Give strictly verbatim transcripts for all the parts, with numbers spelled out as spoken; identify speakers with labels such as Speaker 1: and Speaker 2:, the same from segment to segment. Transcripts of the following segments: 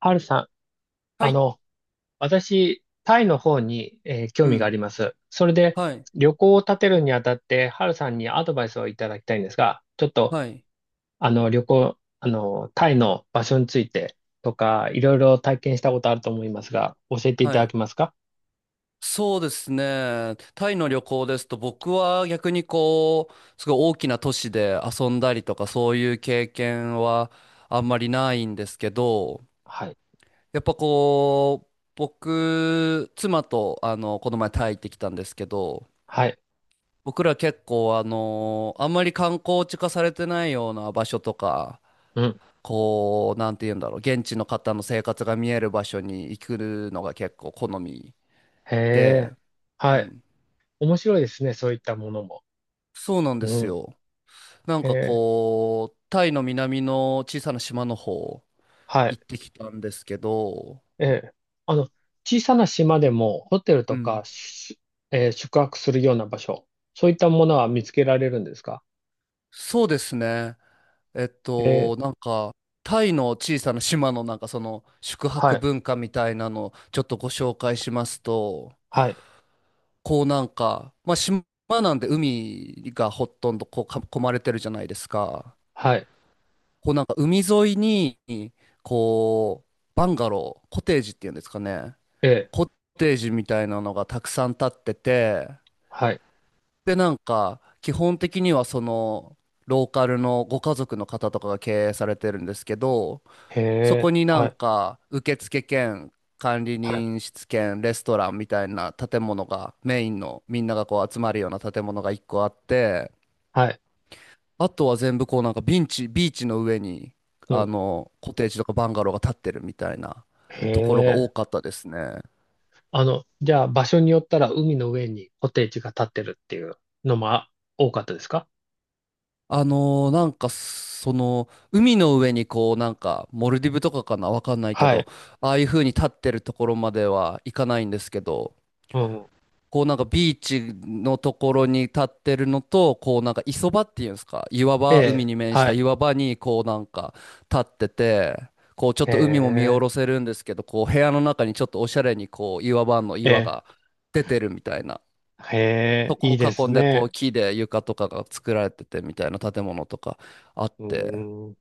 Speaker 1: ハルさん、
Speaker 2: は
Speaker 1: あ
Speaker 2: い。
Speaker 1: の、私、タイの方に、えー興
Speaker 2: う
Speaker 1: 味があ
Speaker 2: ん。
Speaker 1: ります。それで、
Speaker 2: はい。
Speaker 1: 旅行を立てるにあたって、ハルさんにアドバイスをいただきたいんですが、ちょっと、
Speaker 2: はい。
Speaker 1: あの、旅行、あの、タイの場所についてとか、いろいろ体験したことあると思いますが、教えてい
Speaker 2: は
Speaker 1: ただ
Speaker 2: い。
Speaker 1: けますか？
Speaker 2: そうですね。タイの旅行ですと、僕は逆にこう、すごい大きな都市で遊んだりとか、そういう経験はあんまりないんですけど、
Speaker 1: はい。
Speaker 2: やっぱこう、僕、妻と、あの、この前タイ行ってきたんですけど、
Speaker 1: はい。
Speaker 2: 僕ら結構、あの、あんまり観光地化されてないような場所とか、
Speaker 1: うん。
Speaker 2: こう、なんて言うんだろう、現地の方の生活が見える場所に行くのが結構好み。
Speaker 1: へ
Speaker 2: て、
Speaker 1: え。
Speaker 2: う
Speaker 1: はい。
Speaker 2: ん。
Speaker 1: 面白いですね、そういったものも。
Speaker 2: そうなんで
Speaker 1: う
Speaker 2: す
Speaker 1: ん。
Speaker 2: よ。なん
Speaker 1: へ
Speaker 2: か
Speaker 1: え。
Speaker 2: こう、タイの南の小さな島の方
Speaker 1: はい。
Speaker 2: 行ってきたんですけど、
Speaker 1: ええ。あの、小さな島でもホテル
Speaker 2: う
Speaker 1: とか
Speaker 2: ん。
Speaker 1: し、えー宿泊するような場所、そういったものは見つけられるんですか？
Speaker 2: そうですね。えっ
Speaker 1: ええ、
Speaker 2: と、なんか、タイの小さな島のなんかその宿
Speaker 1: は
Speaker 2: 泊
Speaker 1: い、
Speaker 2: 文化みたいなのをちょっとご紹介しますと、
Speaker 1: はい、
Speaker 2: こうなんか、まあ島なんで海がほとんどこうか囲まれてるじゃないですか。
Speaker 1: はい、
Speaker 2: こうなんか海沿いに、こう、バンガロー、コテージっていうんですかね。
Speaker 1: ええ、
Speaker 2: コッテージみたいなのがたくさん建ってて、
Speaker 1: はい、
Speaker 2: で、なんか、基本的にはその、ローカルのご家族の方とかが経営されてるんですけど、
Speaker 1: へ
Speaker 2: そこ
Speaker 1: え、
Speaker 2: にな
Speaker 1: は
Speaker 2: ん
Speaker 1: い、
Speaker 2: か、受付兼、管理
Speaker 1: はい、
Speaker 2: 人室兼、レストランみたいな建物が、メインのみんながこう集まるような建物がいっこあって、
Speaker 1: はい、
Speaker 2: あとは全部こうなんかビンチ、ビーチの上に、
Speaker 1: う
Speaker 2: あ
Speaker 1: ん、
Speaker 2: の、コテージとかバンガローが建ってるみたいな
Speaker 1: へ
Speaker 2: ところが多
Speaker 1: え。
Speaker 2: かったですね。
Speaker 1: あの、じゃあ場所によったら海の上にコテージが建ってるっていうのもあ多かったですか？
Speaker 2: あのーなんかその海の上にこうなんかモルディブとかかなわかんないけ
Speaker 1: は
Speaker 2: ど、
Speaker 1: い、
Speaker 2: ああいう風に立ってるところまでは行かないんですけど、
Speaker 1: うん、
Speaker 2: こうなんかビーチのところに立ってるのと、こうなんか磯場っていうんですか、岩
Speaker 1: え
Speaker 2: 場、海
Speaker 1: え、
Speaker 2: に面し
Speaker 1: は
Speaker 2: た
Speaker 1: い、
Speaker 2: 岩場にこうなんか立ってて、こうちょっ
Speaker 1: へ
Speaker 2: と海も見下
Speaker 1: え、
Speaker 2: ろせるんですけど、こう部屋の中にちょっとおしゃれにこう岩場の
Speaker 1: え
Speaker 2: 岩
Speaker 1: え、
Speaker 2: が出てるみたいな。
Speaker 1: へ
Speaker 2: そ
Speaker 1: え、い
Speaker 2: こ
Speaker 1: いで
Speaker 2: を
Speaker 1: す
Speaker 2: 囲んで、こう、
Speaker 1: ね。
Speaker 2: 木で床とかが作られててみたいな建物とかあっ
Speaker 1: う
Speaker 2: て、
Speaker 1: ーん、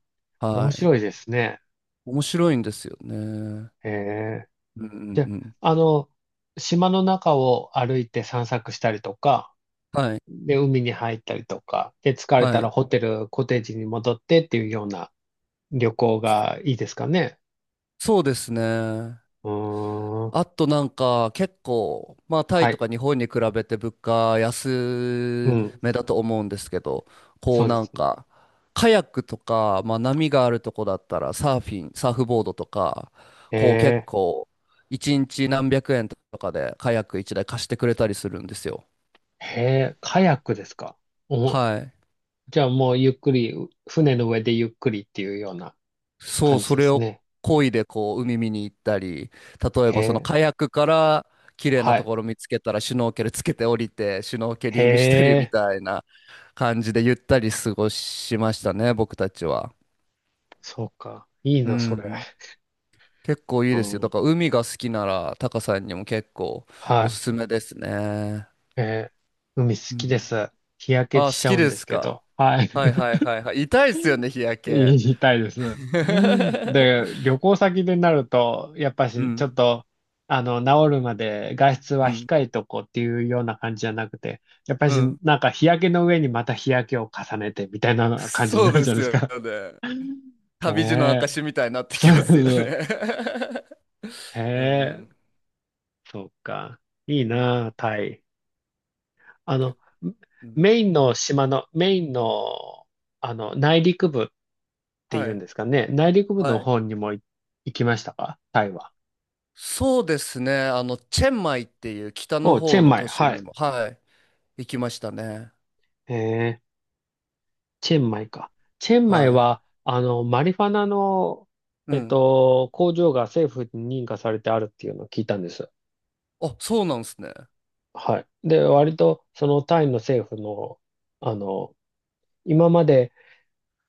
Speaker 1: 面
Speaker 2: はい。
Speaker 1: 白いですね。
Speaker 2: 面白いんですよね。うん
Speaker 1: へえ。
Speaker 2: うん
Speaker 1: じゃ
Speaker 2: うん。
Speaker 1: あ、あの、島の中を歩いて散策したりとか、
Speaker 2: はい。
Speaker 1: で、海に入ったりとか、で、疲れ
Speaker 2: は
Speaker 1: たら
Speaker 2: い。
Speaker 1: ホテル、コテージに戻ってっていうような旅行がいいですかね。
Speaker 2: そうですね。
Speaker 1: うーん。
Speaker 2: あとなんか結構、まあタ
Speaker 1: は
Speaker 2: イと
Speaker 1: い。
Speaker 2: か日本に比べて物価
Speaker 1: う
Speaker 2: 安
Speaker 1: ん。
Speaker 2: めだと思うんですけど、こ
Speaker 1: そ
Speaker 2: う
Speaker 1: うで
Speaker 2: なん
Speaker 1: すね。
Speaker 2: か、カヤックとか、まあ波があるとこだったらサーフィン、サーフボードとか、
Speaker 1: へ
Speaker 2: こう結
Speaker 1: え。
Speaker 2: 構、いちにちなんびゃくえんとかでカヤックいちだい貸してくれたりするんですよ。
Speaker 1: へえ、カヤックですか。お、
Speaker 2: はい。
Speaker 1: じゃあもうゆっくり、船の上でゆっくりっていうような
Speaker 2: そう、
Speaker 1: 感じ
Speaker 2: そ
Speaker 1: で
Speaker 2: れ
Speaker 1: す
Speaker 2: を
Speaker 1: ね。
Speaker 2: 漕いでこう海見に行ったり、例え
Speaker 1: へ
Speaker 2: ばその
Speaker 1: え。
Speaker 2: カヤックから綺麗な
Speaker 1: は
Speaker 2: と
Speaker 1: い。
Speaker 2: ころ見つけたらシュノーケルつけて降りてシュノーケ
Speaker 1: へ
Speaker 2: リングしたりみ
Speaker 1: え。
Speaker 2: たいな感じでゆったり過ごしましたね、僕たちは。
Speaker 1: そうか。いい
Speaker 2: う
Speaker 1: な、それ。
Speaker 2: ん。結構いい
Speaker 1: う
Speaker 2: ですよ。だ
Speaker 1: ん。
Speaker 2: から海が好きならタカさんにも結構
Speaker 1: は
Speaker 2: お
Speaker 1: い。
Speaker 2: すすめですね。
Speaker 1: えー海好
Speaker 2: う
Speaker 1: き
Speaker 2: ん。
Speaker 1: です。日焼け
Speaker 2: あ、
Speaker 1: し
Speaker 2: 好
Speaker 1: ちゃ
Speaker 2: き
Speaker 1: うん
Speaker 2: で
Speaker 1: です
Speaker 2: す
Speaker 1: け
Speaker 2: か。
Speaker 1: ど。はい。
Speaker 2: はいはいはいはい。痛いっすよね、日焼
Speaker 1: 言
Speaker 2: け。
Speaker 1: いたいです。で、旅行先でなると、やっぱ
Speaker 2: う
Speaker 1: し、ちょ
Speaker 2: ん、
Speaker 1: っと、あの、治るまで外出は
Speaker 2: うん、
Speaker 1: 控えとこうっていうような感じじゃなくて、やっぱ
Speaker 2: う
Speaker 1: し、
Speaker 2: ん。
Speaker 1: なんか日焼けの上にまた日焼けを重ねてみたいな感じに
Speaker 2: そ
Speaker 1: な
Speaker 2: う
Speaker 1: る
Speaker 2: で
Speaker 1: じゃない
Speaker 2: す
Speaker 1: です
Speaker 2: よ
Speaker 1: か。
Speaker 2: ね。旅路の
Speaker 1: ねえ。
Speaker 2: 証みたいになって
Speaker 1: そ
Speaker 2: き
Speaker 1: う
Speaker 2: ますよ
Speaker 1: そう。
Speaker 2: ね。
Speaker 1: へ
Speaker 2: う
Speaker 1: え。
Speaker 2: ん
Speaker 1: そっか。いい
Speaker 2: うん。
Speaker 1: なあ、タイ。あ
Speaker 2: け
Speaker 1: の、
Speaker 2: うん。
Speaker 1: メインの島の、メインの、あの、内陸部ってい
Speaker 2: は
Speaker 1: うん
Speaker 2: い。
Speaker 1: ですかね。内陸部の
Speaker 2: はい。
Speaker 1: 方にもい行きましたかタイは？
Speaker 2: そうですね。あの、チェンマイっていう北の
Speaker 1: お、チェ
Speaker 2: 方
Speaker 1: ン
Speaker 2: の
Speaker 1: マイ。
Speaker 2: 都市
Speaker 1: はい。
Speaker 2: にも、はい、行きましたね。
Speaker 1: えー、チェンマイか。チェンマイ
Speaker 2: はい。
Speaker 1: は、あの、マリファナの、
Speaker 2: う
Speaker 1: えっ
Speaker 2: ん。
Speaker 1: と、工場が政府に認可されてあるっていうのを聞いたんです。
Speaker 2: あ、そうなんですね。
Speaker 1: はい。で、割と、そのタイの政府の、あの、今まで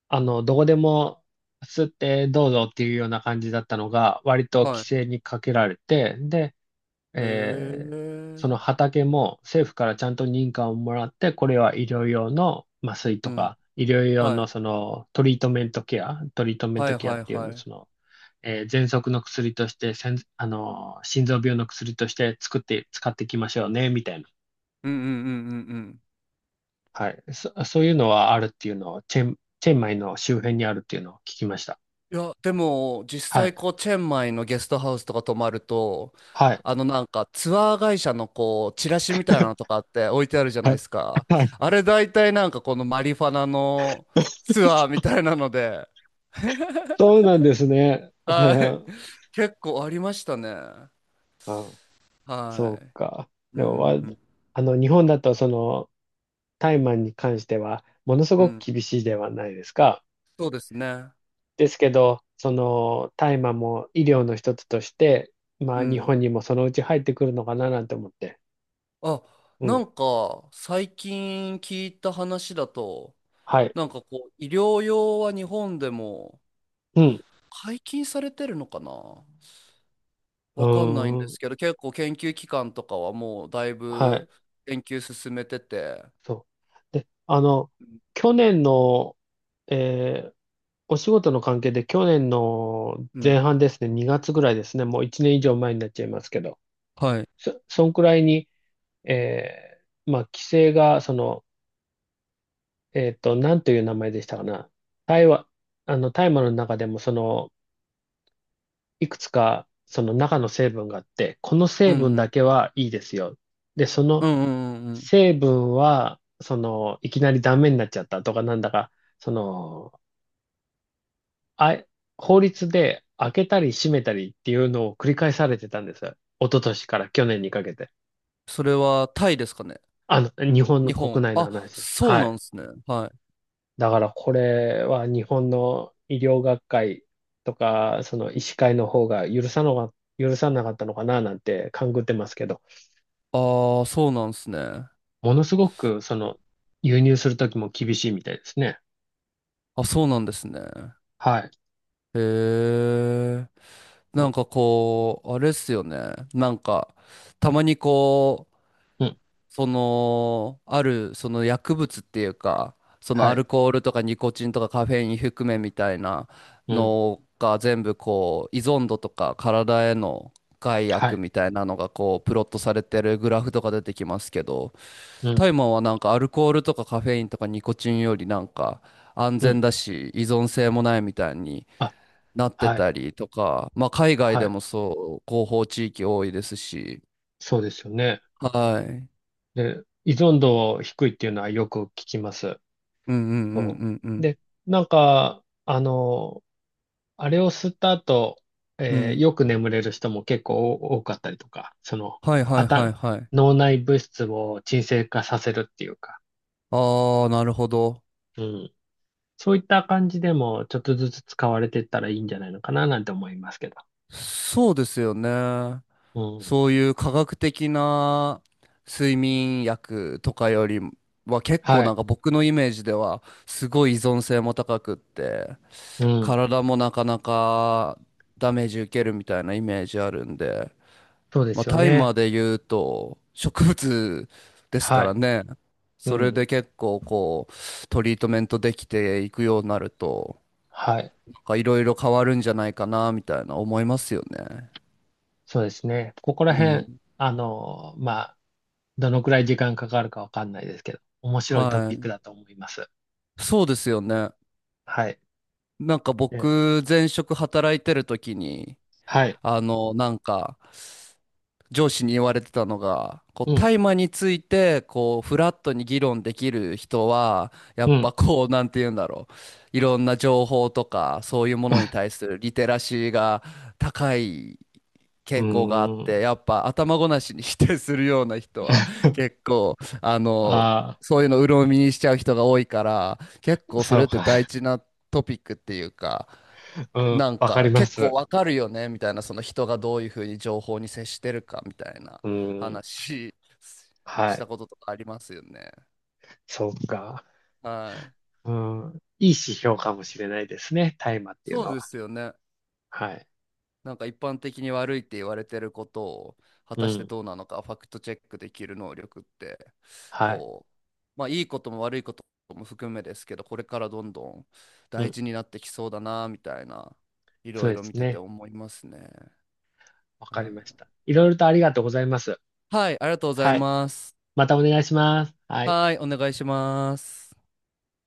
Speaker 1: あの、どこでも吸ってどうぞっていうような感じだったのが、割と規
Speaker 2: は
Speaker 1: 制にかけられて、で、
Speaker 2: い。へ
Speaker 1: え
Speaker 2: え。
Speaker 1: ーその畑も政府からちゃんと認可をもらって、これは医療用の麻酔
Speaker 2: う
Speaker 1: と
Speaker 2: ん。
Speaker 1: か、医療用
Speaker 2: は
Speaker 1: のそ
Speaker 2: い。
Speaker 1: のトリートメントケア、トリートメン
Speaker 2: は
Speaker 1: ト
Speaker 2: い
Speaker 1: ケアっ
Speaker 2: はい
Speaker 1: ていう
Speaker 2: はい。
Speaker 1: の、
Speaker 2: うん
Speaker 1: その、えー、喘息の薬として、せん、あの心臓病の薬として作って、使っていきましょうね、みたいな。
Speaker 2: うんうんうんうん。
Speaker 1: はい。そ、そういうのはあるっていうのを、チェン、チェンマイの周辺にあるっていうのを聞きました。
Speaker 2: いや、でも、実
Speaker 1: は
Speaker 2: 際、
Speaker 1: い。
Speaker 2: こう、チェンマイのゲストハウスとか泊まると、
Speaker 1: はい。
Speaker 2: あの、なんか、ツアー会社の、こう、チラシみたいなのと かって置いてあるじゃな
Speaker 1: は
Speaker 2: いで
Speaker 1: い。
Speaker 2: すか。
Speaker 1: はい。
Speaker 2: あれ、大体、なんか、このマリファナのツアーみたいなので、
Speaker 1: そうなんですね。う
Speaker 2: はい。
Speaker 1: ん。
Speaker 2: 結構ありましたね。
Speaker 1: あ、そ
Speaker 2: は
Speaker 1: う
Speaker 2: い。
Speaker 1: か。
Speaker 2: う
Speaker 1: でも、わ、
Speaker 2: ん、うん、
Speaker 1: あの、日本だと、その、タイマンに関しては、ものす
Speaker 2: う
Speaker 1: ごく
Speaker 2: ん。
Speaker 1: 厳しいではないですか。
Speaker 2: そうですね。
Speaker 1: ですけど、その、大麻も医療の一つとして、ま
Speaker 2: う
Speaker 1: あ、日本
Speaker 2: ん。
Speaker 1: にもそのうち入ってくるのかななんて思って。
Speaker 2: あ、
Speaker 1: う
Speaker 2: な
Speaker 1: ん。
Speaker 2: んか、最近聞いた話だと、
Speaker 1: はい。
Speaker 2: なんかこう、医療用は日本でも、
Speaker 1: うん。
Speaker 2: 解禁されてるのかな
Speaker 1: う
Speaker 2: わかんないん
Speaker 1: ー
Speaker 2: で
Speaker 1: ん。
Speaker 2: すけど、結構研究機関とかはもうだい
Speaker 1: はい。
Speaker 2: ぶ研究進めてて、
Speaker 1: そう。で、あの、去年の、えーお仕事の関係で去年の
Speaker 2: う
Speaker 1: 前
Speaker 2: ん。
Speaker 1: 半ですね、にがつぐらいですね、もういちねん以上前になっちゃいますけど、
Speaker 2: はい。
Speaker 1: そ、そんくらいに、えーまあ、規制が、その、えっと、なんという名前でしたかな。大麻、あの、大麻の中でも、その、いくつか、その中の成分があって、この
Speaker 2: う
Speaker 1: 成
Speaker 2: ん
Speaker 1: 分
Speaker 2: う
Speaker 1: だ
Speaker 2: ん。
Speaker 1: けはいいですよ。で、そ
Speaker 2: う
Speaker 1: の
Speaker 2: んうんうんうん。
Speaker 1: 成分は、その、いきなりダメになっちゃったとか、なんだか、その、あ、法律で開けたり閉めたりっていうのを繰り返されてたんですよ。一昨年から去年にかけて。
Speaker 2: それはタイですかね。
Speaker 1: あの、日本の
Speaker 2: 日本。
Speaker 1: 国内の
Speaker 2: あ、
Speaker 1: 話です。
Speaker 2: そう
Speaker 1: は
Speaker 2: な
Speaker 1: い。
Speaker 2: んですね。はい。
Speaker 1: だからこれは日本の医療学会とか、その医師会の方が許さのが、許さなかったのかななんて勘ぐってますけど、
Speaker 2: ああ、そうなんですね。
Speaker 1: ものすごくその輸入するときも厳しいみたいですね。
Speaker 2: あ、そうなんですね。
Speaker 1: はい。
Speaker 2: へえ。な
Speaker 1: そ
Speaker 2: んかこう、あれっすよね。なんか、たまにこう、
Speaker 1: う。うん。
Speaker 2: その、ある、その薬物っていうか、その
Speaker 1: は
Speaker 2: アル
Speaker 1: い。
Speaker 2: コールとかニコチンとかカフェイン含めみたいな
Speaker 1: うん。
Speaker 2: のが全部こう、依存度とか体への害
Speaker 1: は
Speaker 2: 悪
Speaker 1: い。
Speaker 2: みたいなのがこう、プロットされてるグラフとか出てきますけど、
Speaker 1: う
Speaker 2: タ
Speaker 1: ん。
Speaker 2: イマーはなんかアルコールとかカフェインとかニコチンよりなんか安
Speaker 1: う
Speaker 2: 全
Speaker 1: ん。
Speaker 2: だし、依存性もないみたいに
Speaker 1: あ、
Speaker 2: なって
Speaker 1: はい。
Speaker 2: たりとか、まあ海外
Speaker 1: は
Speaker 2: で
Speaker 1: い。
Speaker 2: もそう、広報地域多いですし、
Speaker 1: そうですよね。
Speaker 2: はい。
Speaker 1: で、依存度低いっていうのはよく聞きます。
Speaker 2: うんうんう
Speaker 1: そ
Speaker 2: んうんう
Speaker 1: う。
Speaker 2: ん。
Speaker 1: で、なんか、あの、あれを吸った後、
Speaker 2: う
Speaker 1: えー
Speaker 2: ん
Speaker 1: よく眠れる人も結構多かったりとか、その、
Speaker 2: はい
Speaker 1: あ
Speaker 2: はいはい
Speaker 1: た、
Speaker 2: はい。
Speaker 1: 脳内物質を鎮静化させるっていうか、
Speaker 2: ああ、なるほど。
Speaker 1: うん。そういった感じでも、ちょっとずつ使われていったらいいんじゃないのかななんて思いますけど。
Speaker 2: そうですよね。
Speaker 1: うん。
Speaker 2: そういう科学的な睡眠薬とかよりは結構
Speaker 1: は
Speaker 2: な
Speaker 1: い。
Speaker 2: んか僕のイメージではすごい依存性も高くって、
Speaker 1: うん。
Speaker 2: 体もなかなかダメージ受けるみたいなイメージあるんで、
Speaker 1: そうで
Speaker 2: まあ、
Speaker 1: すよ
Speaker 2: タイマー
Speaker 1: ね。
Speaker 2: で言うと植物です
Speaker 1: は
Speaker 2: から
Speaker 1: い。
Speaker 2: ね。
Speaker 1: う
Speaker 2: それ
Speaker 1: ん。
Speaker 2: で結構こうトリートメントできていくようになると
Speaker 1: はい。
Speaker 2: かいろいろ変わるんじゃないかな、みたいな思いますよね。
Speaker 1: そうですね。ここら
Speaker 2: うん。
Speaker 1: 辺、あの、まあ、どのくらい時間かかるかわかんないですけど、面白いト
Speaker 2: は
Speaker 1: ピック
Speaker 2: い。
Speaker 1: だと思います。
Speaker 2: そうですよね。
Speaker 1: はい。
Speaker 2: なんか
Speaker 1: え
Speaker 2: 僕、前職働いてる時に、
Speaker 1: はい。
Speaker 2: あの、なんか、上司に言われてたのが、こう、
Speaker 1: うん。
Speaker 2: 大麻について、こう、フラットに議論できる人は、やっ
Speaker 1: うん。
Speaker 2: ぱこう、なんて言うんだろう。いろんな情報とか、そういうものに 対するリテラシーが高い
Speaker 1: う
Speaker 2: 傾向があ
Speaker 1: ー
Speaker 2: って、
Speaker 1: ん。
Speaker 2: やっぱ頭ごなしに否定するような人は 結構、あの、
Speaker 1: あ
Speaker 2: そういうの鵜呑みにしちゃう人が多いから、結
Speaker 1: あ、
Speaker 2: 構そ
Speaker 1: そ
Speaker 2: れ
Speaker 1: う
Speaker 2: って
Speaker 1: か。
Speaker 2: 大事なトピックっていうか、
Speaker 1: うん。
Speaker 2: なん
Speaker 1: わか
Speaker 2: か
Speaker 1: りま
Speaker 2: 結構
Speaker 1: す。
Speaker 2: わかるよねみたいな、その人がどういうふうに情報に接してるかみたいな
Speaker 1: うん。
Speaker 2: 話し
Speaker 1: は
Speaker 2: た
Speaker 1: い。
Speaker 2: こととかありますよね。
Speaker 1: そうか。
Speaker 2: はい。
Speaker 1: うん。いい指
Speaker 2: うん、
Speaker 1: 標かもしれないですね。大麻っていう
Speaker 2: そ
Speaker 1: の
Speaker 2: うで
Speaker 1: は。
Speaker 2: すよね。
Speaker 1: はい。
Speaker 2: なんか一般的に悪いって言われてることを果
Speaker 1: う
Speaker 2: たして
Speaker 1: ん。
Speaker 2: どうなのかファクトチェックできる能力って、
Speaker 1: はい。
Speaker 2: こう、まあいいことも悪いことも含めですけど、これからどんどん
Speaker 1: う
Speaker 2: 大
Speaker 1: ん。
Speaker 2: 事になってきそうだなみたいな、い
Speaker 1: そ
Speaker 2: ろ
Speaker 1: う
Speaker 2: い
Speaker 1: で
Speaker 2: ろ
Speaker 1: す
Speaker 2: 見てて
Speaker 1: ね。
Speaker 2: 思いますね。
Speaker 1: わ
Speaker 2: は
Speaker 1: かりまし
Speaker 2: い、
Speaker 1: た。いろいろとありがとうございます。
Speaker 2: はいありがとうござい
Speaker 1: はい。
Speaker 2: ます。
Speaker 1: またお願いします。はい。
Speaker 2: はい、お願いします。